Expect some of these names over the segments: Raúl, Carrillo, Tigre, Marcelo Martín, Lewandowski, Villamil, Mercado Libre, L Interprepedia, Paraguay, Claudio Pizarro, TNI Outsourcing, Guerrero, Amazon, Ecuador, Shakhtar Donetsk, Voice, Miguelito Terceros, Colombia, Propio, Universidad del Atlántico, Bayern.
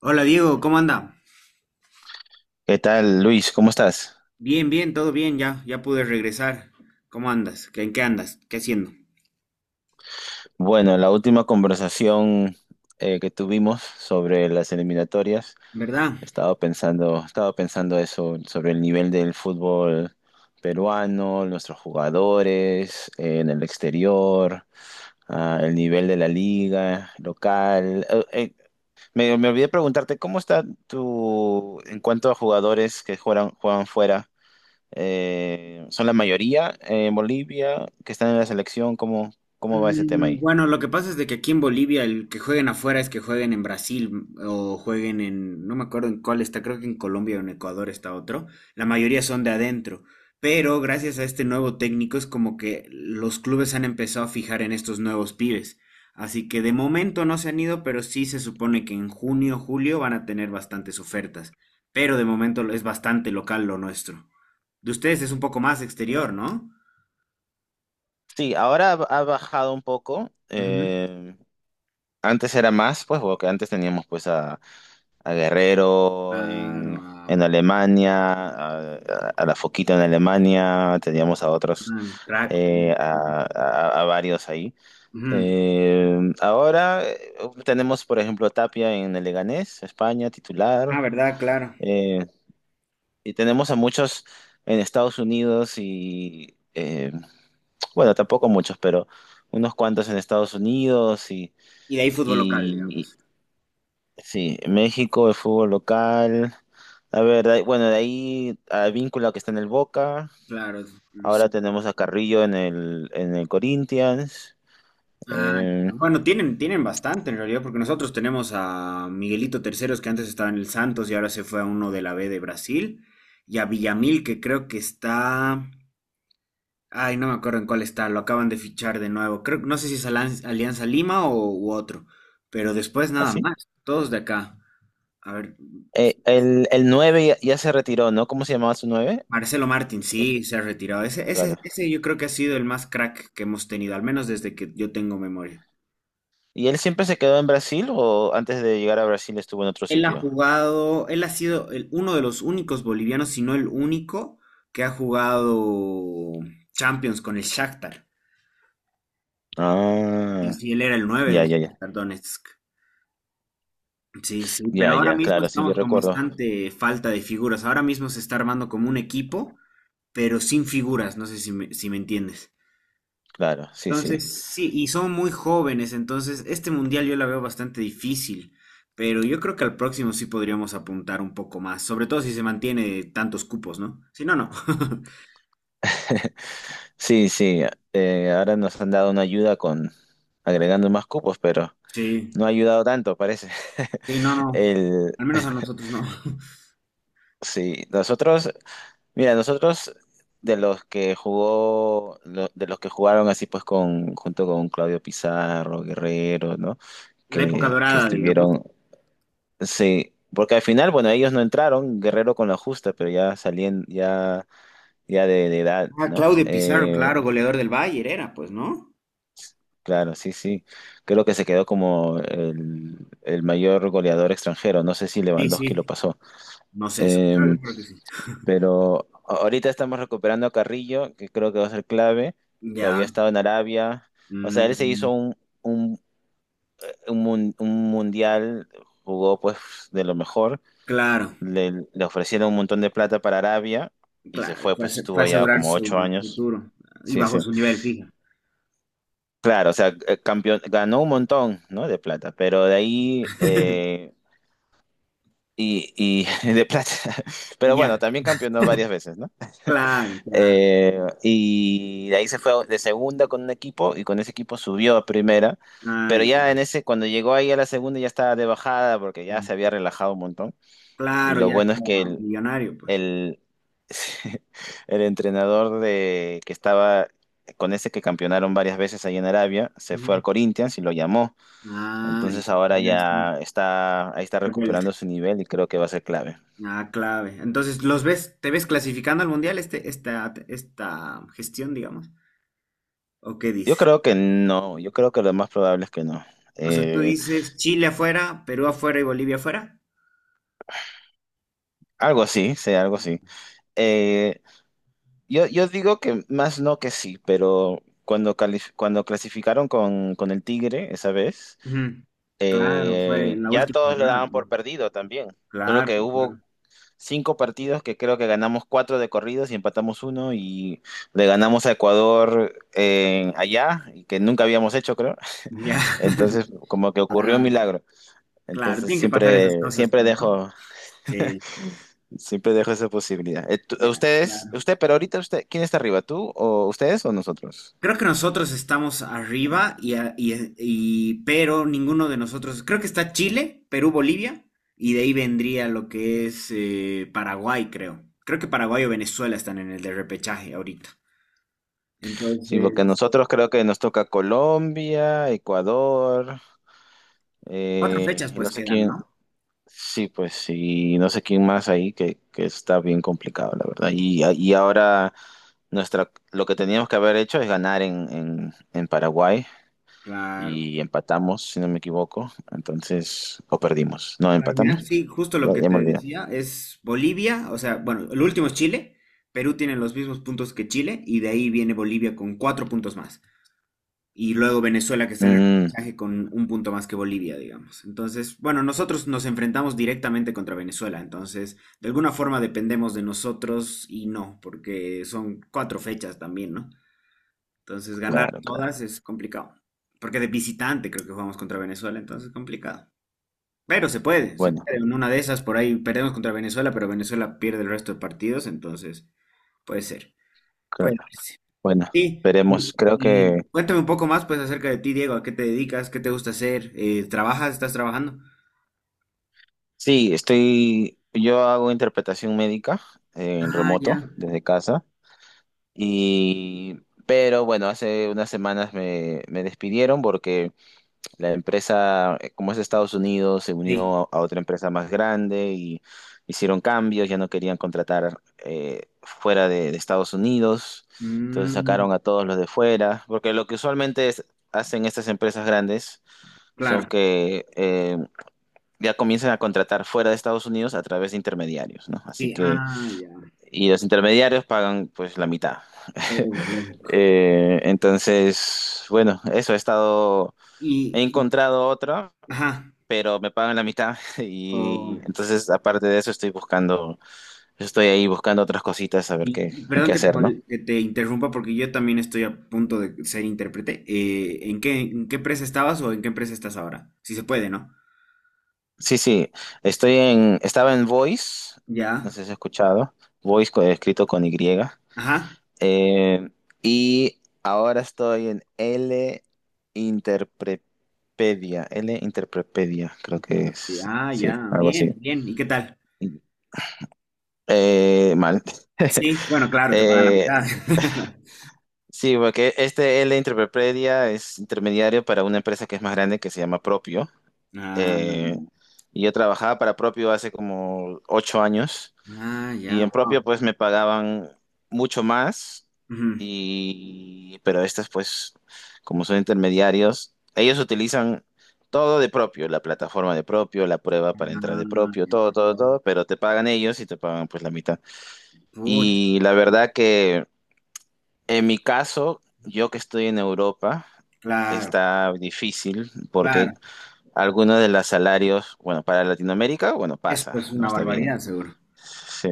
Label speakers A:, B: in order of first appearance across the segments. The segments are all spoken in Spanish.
A: Hola Diego, ¿cómo anda?
B: ¿Qué tal, Luis? ¿Cómo estás?
A: Bien, bien, todo bien, ya, ya pude regresar. ¿Cómo andas? ¿En qué andas? ¿Qué haciendo?
B: Bueno, la última conversación que tuvimos sobre las eliminatorias,
A: ¿Verdad?
B: estaba pensando eso, sobre el nivel del fútbol peruano, nuestros jugadores en el exterior, el nivel de la liga local. Me olvidé preguntarte, ¿cómo está tu, en cuanto a jugadores que juegan fuera? Son la mayoría en Bolivia que están en la selección. ¿Cómo va ese tema
A: Mm,
B: ahí?
A: Bueno, lo que pasa es de que aquí en Bolivia el que jueguen afuera es que jueguen en Brasil, o jueguen en, no me acuerdo en cuál está, creo que en Colombia o en Ecuador está otro. La mayoría son de adentro, pero gracias a este nuevo técnico es como que los clubes han empezado a fijar en estos nuevos pibes. Así que de momento no se han ido, pero sí se supone que en junio, julio van a tener bastantes ofertas. Pero de momento es bastante local lo nuestro. De ustedes es un poco más exterior, ¿no?
B: Sí, ahora ha bajado un poco.
A: Ujú.
B: Antes era más, pues, porque antes teníamos pues a Guerrero
A: Claro,
B: en
A: ah.
B: Alemania, a la Foquita en Alemania, teníamos a otros,
A: Ah, crack.
B: a varios ahí.
A: Ujú.
B: Ahora Tenemos, por ejemplo, a Tapia en el Leganés, España,
A: Ah,
B: titular.
A: ¿verdad? Claro.
B: eh, Y tenemos a muchos en Estados Unidos bueno, tampoco muchos, pero unos cuantos en Estados Unidos
A: Y de ahí fútbol local,
B: y-
A: digamos.
B: sí, México, el fútbol local. A ver, de ahí- Bueno, de ahí a Víncula que está en el Boca.
A: Claro, es Luis.
B: Ahora tenemos a Carrillo en el Corinthians.
A: Ah,
B: eh,
A: ya. Bueno, tienen bastante en realidad, porque nosotros tenemos a Miguelito Terceros, que antes estaba en el Santos y ahora se fue a uno de la B de Brasil, y a Villamil, que creo que está... Ay, no me acuerdo en cuál está, lo acaban de fichar de nuevo. Creo, no sé si es Alianza Lima o u otro, pero después nada
B: Así.
A: más, todos de acá. A ver,
B: El 9 ya se retiró, ¿no? ¿Cómo se llamaba su nueve?
A: Marcelo Martín,
B: Eh,
A: sí, se ha retirado. Ese, ese,
B: Claro.
A: ese yo creo que ha sido el más crack que hemos tenido, al menos desde que yo tengo memoria.
B: ¿Y él siempre se quedó en Brasil o antes de llegar a Brasil estuvo en otro
A: Él ha
B: sitio?
A: jugado, él ha sido uno de los únicos bolivianos, si no el único, que ha jugado Champions con el Shakhtar. Y
B: Ah,
A: sí, él era el nueve
B: ya,
A: del
B: ya, ya,
A: Shakhtar Donetsk. Sí, sí, pero
B: ya,
A: ahora
B: ya,
A: mismo
B: claro, sí, yo
A: estamos con
B: recuerdo,
A: bastante falta de figuras. Ahora mismo se está armando como un equipo, pero sin figuras. No sé si me entiendes.
B: claro, sí, sí,
A: Entonces, sí, y son muy jóvenes, entonces este mundial yo la veo bastante difícil, pero yo creo que al próximo sí podríamos apuntar un poco más, sobre todo si se mantiene tantos cupos, ¿no? Si no, no.
B: sí, sí, ahora nos han dado una ayuda con agregando más cupos, pero
A: Sí,
B: no ha ayudado tanto, parece.
A: sí, no, no.
B: El,
A: Al menos a nosotros no.
B: sí, mira, nosotros de los que jugó, de los que jugaron así pues con, junto con Claudio Pizarro, Guerrero, ¿no?
A: La época
B: Que
A: dorada, digamos.
B: estuvieron, sí, porque al final, bueno, ellos no entraron, Guerrero con la justa, pero ya salían, ya ya de edad,
A: Ah,
B: ¿no?
A: Claudio Pizarro, claro, goleador del Bayern era, pues, ¿no?
B: Claro, sí, sí. Creo que se quedó como el mayor goleador extranjero. No sé si
A: Sí,
B: Lewandowski lo
A: sí.
B: pasó.
A: No sé eso.
B: Eh,
A: Creo que sí.
B: Ahorita estamos recuperando a Carrillo, que creo que va a ser clave, que había
A: Ya.
B: estado en Arabia. O sea, él se
A: Mm,
B: hizo un, un mundial, jugó pues de lo mejor.
A: claro,
B: Le ofrecieron un montón de plata para Arabia y se
A: claro.
B: fue, pues estuvo
A: Para
B: allá
A: asegurar
B: como ocho
A: su
B: años.
A: futuro y
B: Sí,
A: bajo
B: sí.
A: su nivel, fija.
B: Claro, o sea, campeón, ganó un montón, ¿no? De plata, pero de ahí, y, y de plata,
A: Y
B: pero bueno,
A: ya.
B: también campeonó varias veces, ¿no?
A: Claro, claro.
B: Y de ahí se fue de segunda con un equipo y con ese equipo subió a primera,
A: Ah,
B: pero ya en
A: ya.
B: ese, cuando llegó ahí a la segunda ya estaba de bajada porque ya se había
A: Ujú.
B: relajado un montón. Y
A: Claro,
B: lo
A: ya
B: bueno es que
A: estaba millonario, pues.
B: el, el entrenador de, que estaba con ese que campeonaron varias veces ahí en Arabia se fue al
A: Ujú.
B: Corinthians y lo llamó.
A: Ah, ya.
B: Entonces ahora
A: Ya está.
B: ya está, ahí está
A: De vuelta.
B: recuperando su nivel y creo que va a ser clave.
A: Ah, clave. Entonces, ¿los ves, te ves clasificando al mundial este, esta gestión, digamos? ¿O qué
B: Yo
A: dices?
B: creo que no, yo creo que lo más probable es que no.
A: O sea, tú
B: Eh,
A: dices Chile afuera, Perú afuera y Bolivia afuera.
B: Algo así, sí, algo así. Eh, yo digo que más no que sí, pero cuando clasificaron con el Tigre esa vez,
A: Ujú. Claro, fue en la
B: ya
A: última
B: todos lo
A: jornada,
B: daban
A: ¿no?
B: por perdido también. Solo
A: Claro,
B: que hubo
A: claro.
B: cinco partidos que creo que ganamos cuatro de corridos y empatamos uno y le ganamos a Ecuador allá, y que nunca habíamos hecho, creo.
A: Ya.
B: Entonces, como que ocurrió un
A: Claro,
B: milagro.
A: claro.
B: Entonces,
A: Tienen que pasar esas cosas, pues, ¿no? Sí,
B: siempre dejo esa posibilidad.
A: ya,
B: Ustedes,
A: claro.
B: usted, pero ahorita usted, ¿quién está arriba? ¿Tú o ustedes o nosotros?
A: Creo que nosotros estamos arriba y, pero ninguno de nosotros, creo que está Chile, Perú, Bolivia, y de ahí vendría lo que es, Paraguay, creo. Creo que Paraguay o Venezuela están en el de repechaje ahorita.
B: Sí, porque
A: Entonces,
B: nosotros creo que nos toca Colombia, Ecuador,
A: cuatro fechas
B: y no
A: pues
B: sé
A: quedan,
B: quién.
A: ¿no?
B: Sí, pues sí, no sé quién más ahí que está bien complicado, la verdad. Y ahora nuestra, lo que teníamos que haber hecho es ganar en Paraguay.
A: Claro.
B: Y empatamos, si no me equivoco. Entonces, o perdimos. No,
A: Claro, mira,
B: empatamos.
A: sí, justo
B: Ya,
A: lo que
B: ya me
A: te
B: olvidé.
A: decía es Bolivia, o sea, bueno, el último es Chile, Perú tiene los mismos puntos que Chile, y de ahí viene Bolivia con cuatro puntos más. Y luego Venezuela que está en el
B: Mm,
A: repechaje con un punto más que Bolivia, digamos. Entonces, bueno, nosotros nos enfrentamos directamente contra Venezuela, entonces de alguna forma dependemos de nosotros y no, porque son cuatro fechas también, ¿no? Entonces ganar
B: claro, claro.
A: todas es complicado, porque de visitante creo que jugamos contra Venezuela, entonces es complicado. Pero se puede, se puede.
B: Bueno,
A: En una de esas por ahí perdemos contra Venezuela, pero Venezuela pierde el resto de partidos, entonces puede ser. Puede
B: claro.
A: ser.
B: Bueno,
A: Sí, y,
B: veremos. Creo que
A: y cuéntame un poco más pues acerca de ti, Diego. ¿A qué te dedicas? ¿Qué te gusta hacer? ¿Trabajas? ¿Estás trabajando?
B: sí, estoy. Yo hago interpretación médica en
A: Ah,
B: remoto,
A: ya,
B: desde casa. Y. Pero bueno, hace unas semanas me despidieron porque la empresa, como es de Estados Unidos, se
A: sí.
B: unió a otra empresa más grande y hicieron cambios, ya no querían contratar fuera de Estados Unidos, entonces
A: Mm,
B: sacaron a todos los de fuera, porque lo que hacen estas empresas grandes son
A: claro,
B: que ya comienzan a contratar fuera de Estados Unidos a través de intermediarios, ¿no?
A: sí, ah, ya.
B: Y los intermediarios pagan pues la mitad.
A: Oh, lógico.
B: Bueno, eso he estado, he
A: Y, y-
B: encontrado otra,
A: ajá,
B: pero me pagan la mitad
A: oh,
B: y entonces aparte de eso estoy buscando, estoy ahí buscando otras cositas a ver
A: y,
B: qué,
A: y perdón
B: qué
A: que
B: hacer, ¿no?
A: que te interrumpa porque yo también estoy a punto de ser intérprete. ¿En qué, empresa estabas o en qué empresa estás ahora? Si se puede, ¿no?
B: Sí, sí, estaba en Voice, no
A: Ya,
B: sé si has escuchado, escrito con Y,
A: ajá.
B: eh, y ahora estoy en L Interprepedia, L Interprepedia, creo que
A: Sí,
B: es,
A: ah,
B: sí,
A: ya,
B: algo así.
A: bien, bien. ¿Y qué tal?
B: Mal.
A: Sí, bueno, claro, te pagan la
B: Eh,
A: mitad.
B: Sí, porque este L Interprepredia es intermediario para una empresa que es más grande que se llama Propio.
A: Ah,
B: Eh, y yo trabajaba para Propio hace como 8 años
A: ah,
B: y
A: ya,
B: en
A: wow.
B: Propio pues me pagaban mucho más
A: Ujú.
B: y pero estas pues como son intermediarios, ellos utilizan todo de Propio, la plataforma de Propio, la prueba para entrar de
A: Ah,
B: Propio,
A: ya,
B: todo, todo,
A: wow.
B: todo, pero te pagan ellos y te pagan pues la mitad.
A: Pucha,
B: Y la verdad que en mi caso, yo que estoy en Europa,
A: claro,
B: está difícil porque
A: claro.
B: algunos de los salarios, bueno, para Latinoamérica, bueno,
A: Eso
B: pasa,
A: pues, es
B: ¿no?
A: una
B: Está
A: barbaridad,
B: bien.
A: seguro.
B: Sí.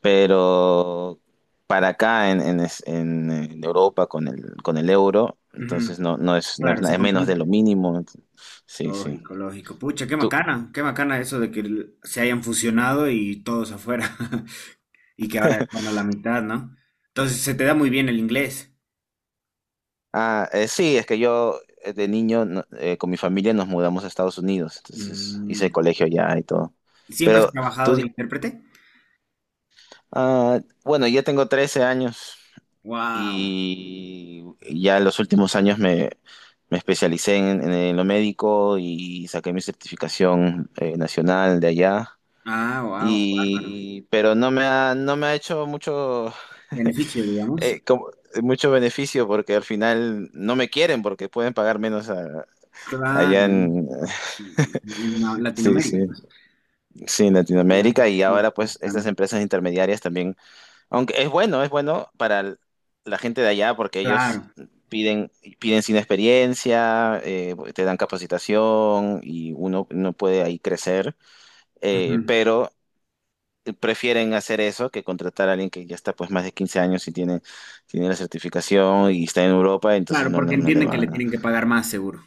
B: Pero para acá en Europa con el euro,
A: Ujú.
B: entonces no es,
A: Claro, se
B: es menos de
A: complica.
B: lo mínimo. Sí, sí.
A: Lógico, lógico. Pucha,
B: Tú,
A: qué macana eso de que se hayan fusionado y todos afuera. Y que ahora están a la mitad, ¿no? Entonces se te da muy bien el inglés.
B: ah, sí, es que yo de niño con mi familia nos mudamos a Estados Unidos, entonces hice el
A: Mm.
B: colegio allá y todo.
A: ¿Siempre has
B: Pero tú,
A: trabajado de intérprete?
B: ah, bueno, yo tengo 13 años
A: Wow.
B: y ya en los últimos años me especialicé en lo médico y saqué mi certificación nacional de allá.
A: Ah, wow, bárbaro.
B: Y, pero no me ha hecho mucho,
A: Beneficio, digamos.
B: eh, como- mucho beneficio porque al final no me quieren porque pueden pagar menos allá
A: Claro,
B: en, sí, sí,
A: Latinoamérica, pues.
B: sí, en
A: Ah,
B: Latinoamérica
A: ok,
B: y ahora pues estas
A: mexicana.
B: empresas intermediarias también. Aunque es bueno, la gente de allá porque ellos
A: Claro.
B: piden, piden sin experiencia, te dan capacitación y uno, no puede ahí crecer,
A: Claro, ujú.
B: pero prefieren hacer eso que contratar a alguien que ya está pues más de 15 años y tiene, tiene la certificación y está en Europa, entonces
A: Claro,
B: no,
A: porque
B: no, no le
A: entienden que
B: va.
A: le
B: ¿No?
A: tienen que pagar más seguro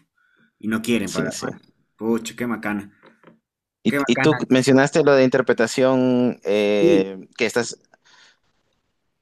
A: y no quieren
B: Sí,
A: pagar
B: sí.
A: más. Pucha, qué macana, qué
B: Y tú
A: macana.
B: mencionaste lo de interpretación, que estás...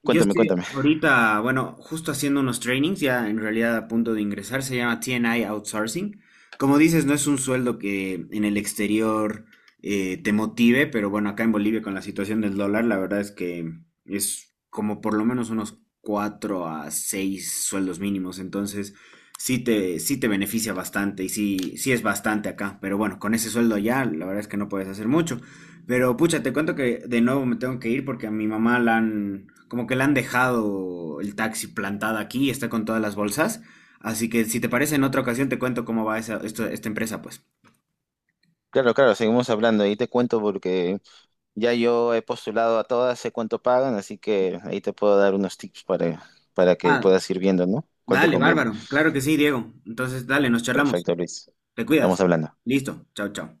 A: Yo
B: Cuéntame,
A: estoy
B: cuéntame.
A: ahorita, bueno, justo haciendo unos trainings, ya en realidad a punto de ingresar, se llama TNI Outsourcing. Como dices, no es un sueldo que en el exterior, te motive, pero bueno, acá en Bolivia con la situación del dólar, la verdad es que es como por lo menos unos 4 a 6 sueldos mínimos, entonces sí te, beneficia bastante y sí, sí es bastante acá, pero bueno, con ese sueldo ya, la verdad es que no puedes hacer mucho. Pero pucha, te cuento que de nuevo me tengo que ir porque a mi mamá la han, como que la han dejado el taxi plantada aquí y está con todas las bolsas. Así que si te parece, en otra ocasión te cuento cómo va esa, esta empresa, pues.
B: Claro, claro, seguimos hablando. Ahí te cuento porque ya yo he postulado a todas, sé cuánto pagan, así que ahí te puedo dar unos tips para
A: Ah,
B: que puedas ir viendo, ¿no? ¿Cuál te
A: dale,
B: conviene?
A: bárbaro. Claro que sí, Diego. Entonces, dale, nos charlamos.
B: Perfecto, Luis.
A: Te
B: Estamos
A: cuidas.
B: hablando.
A: Listo. Chao, chao.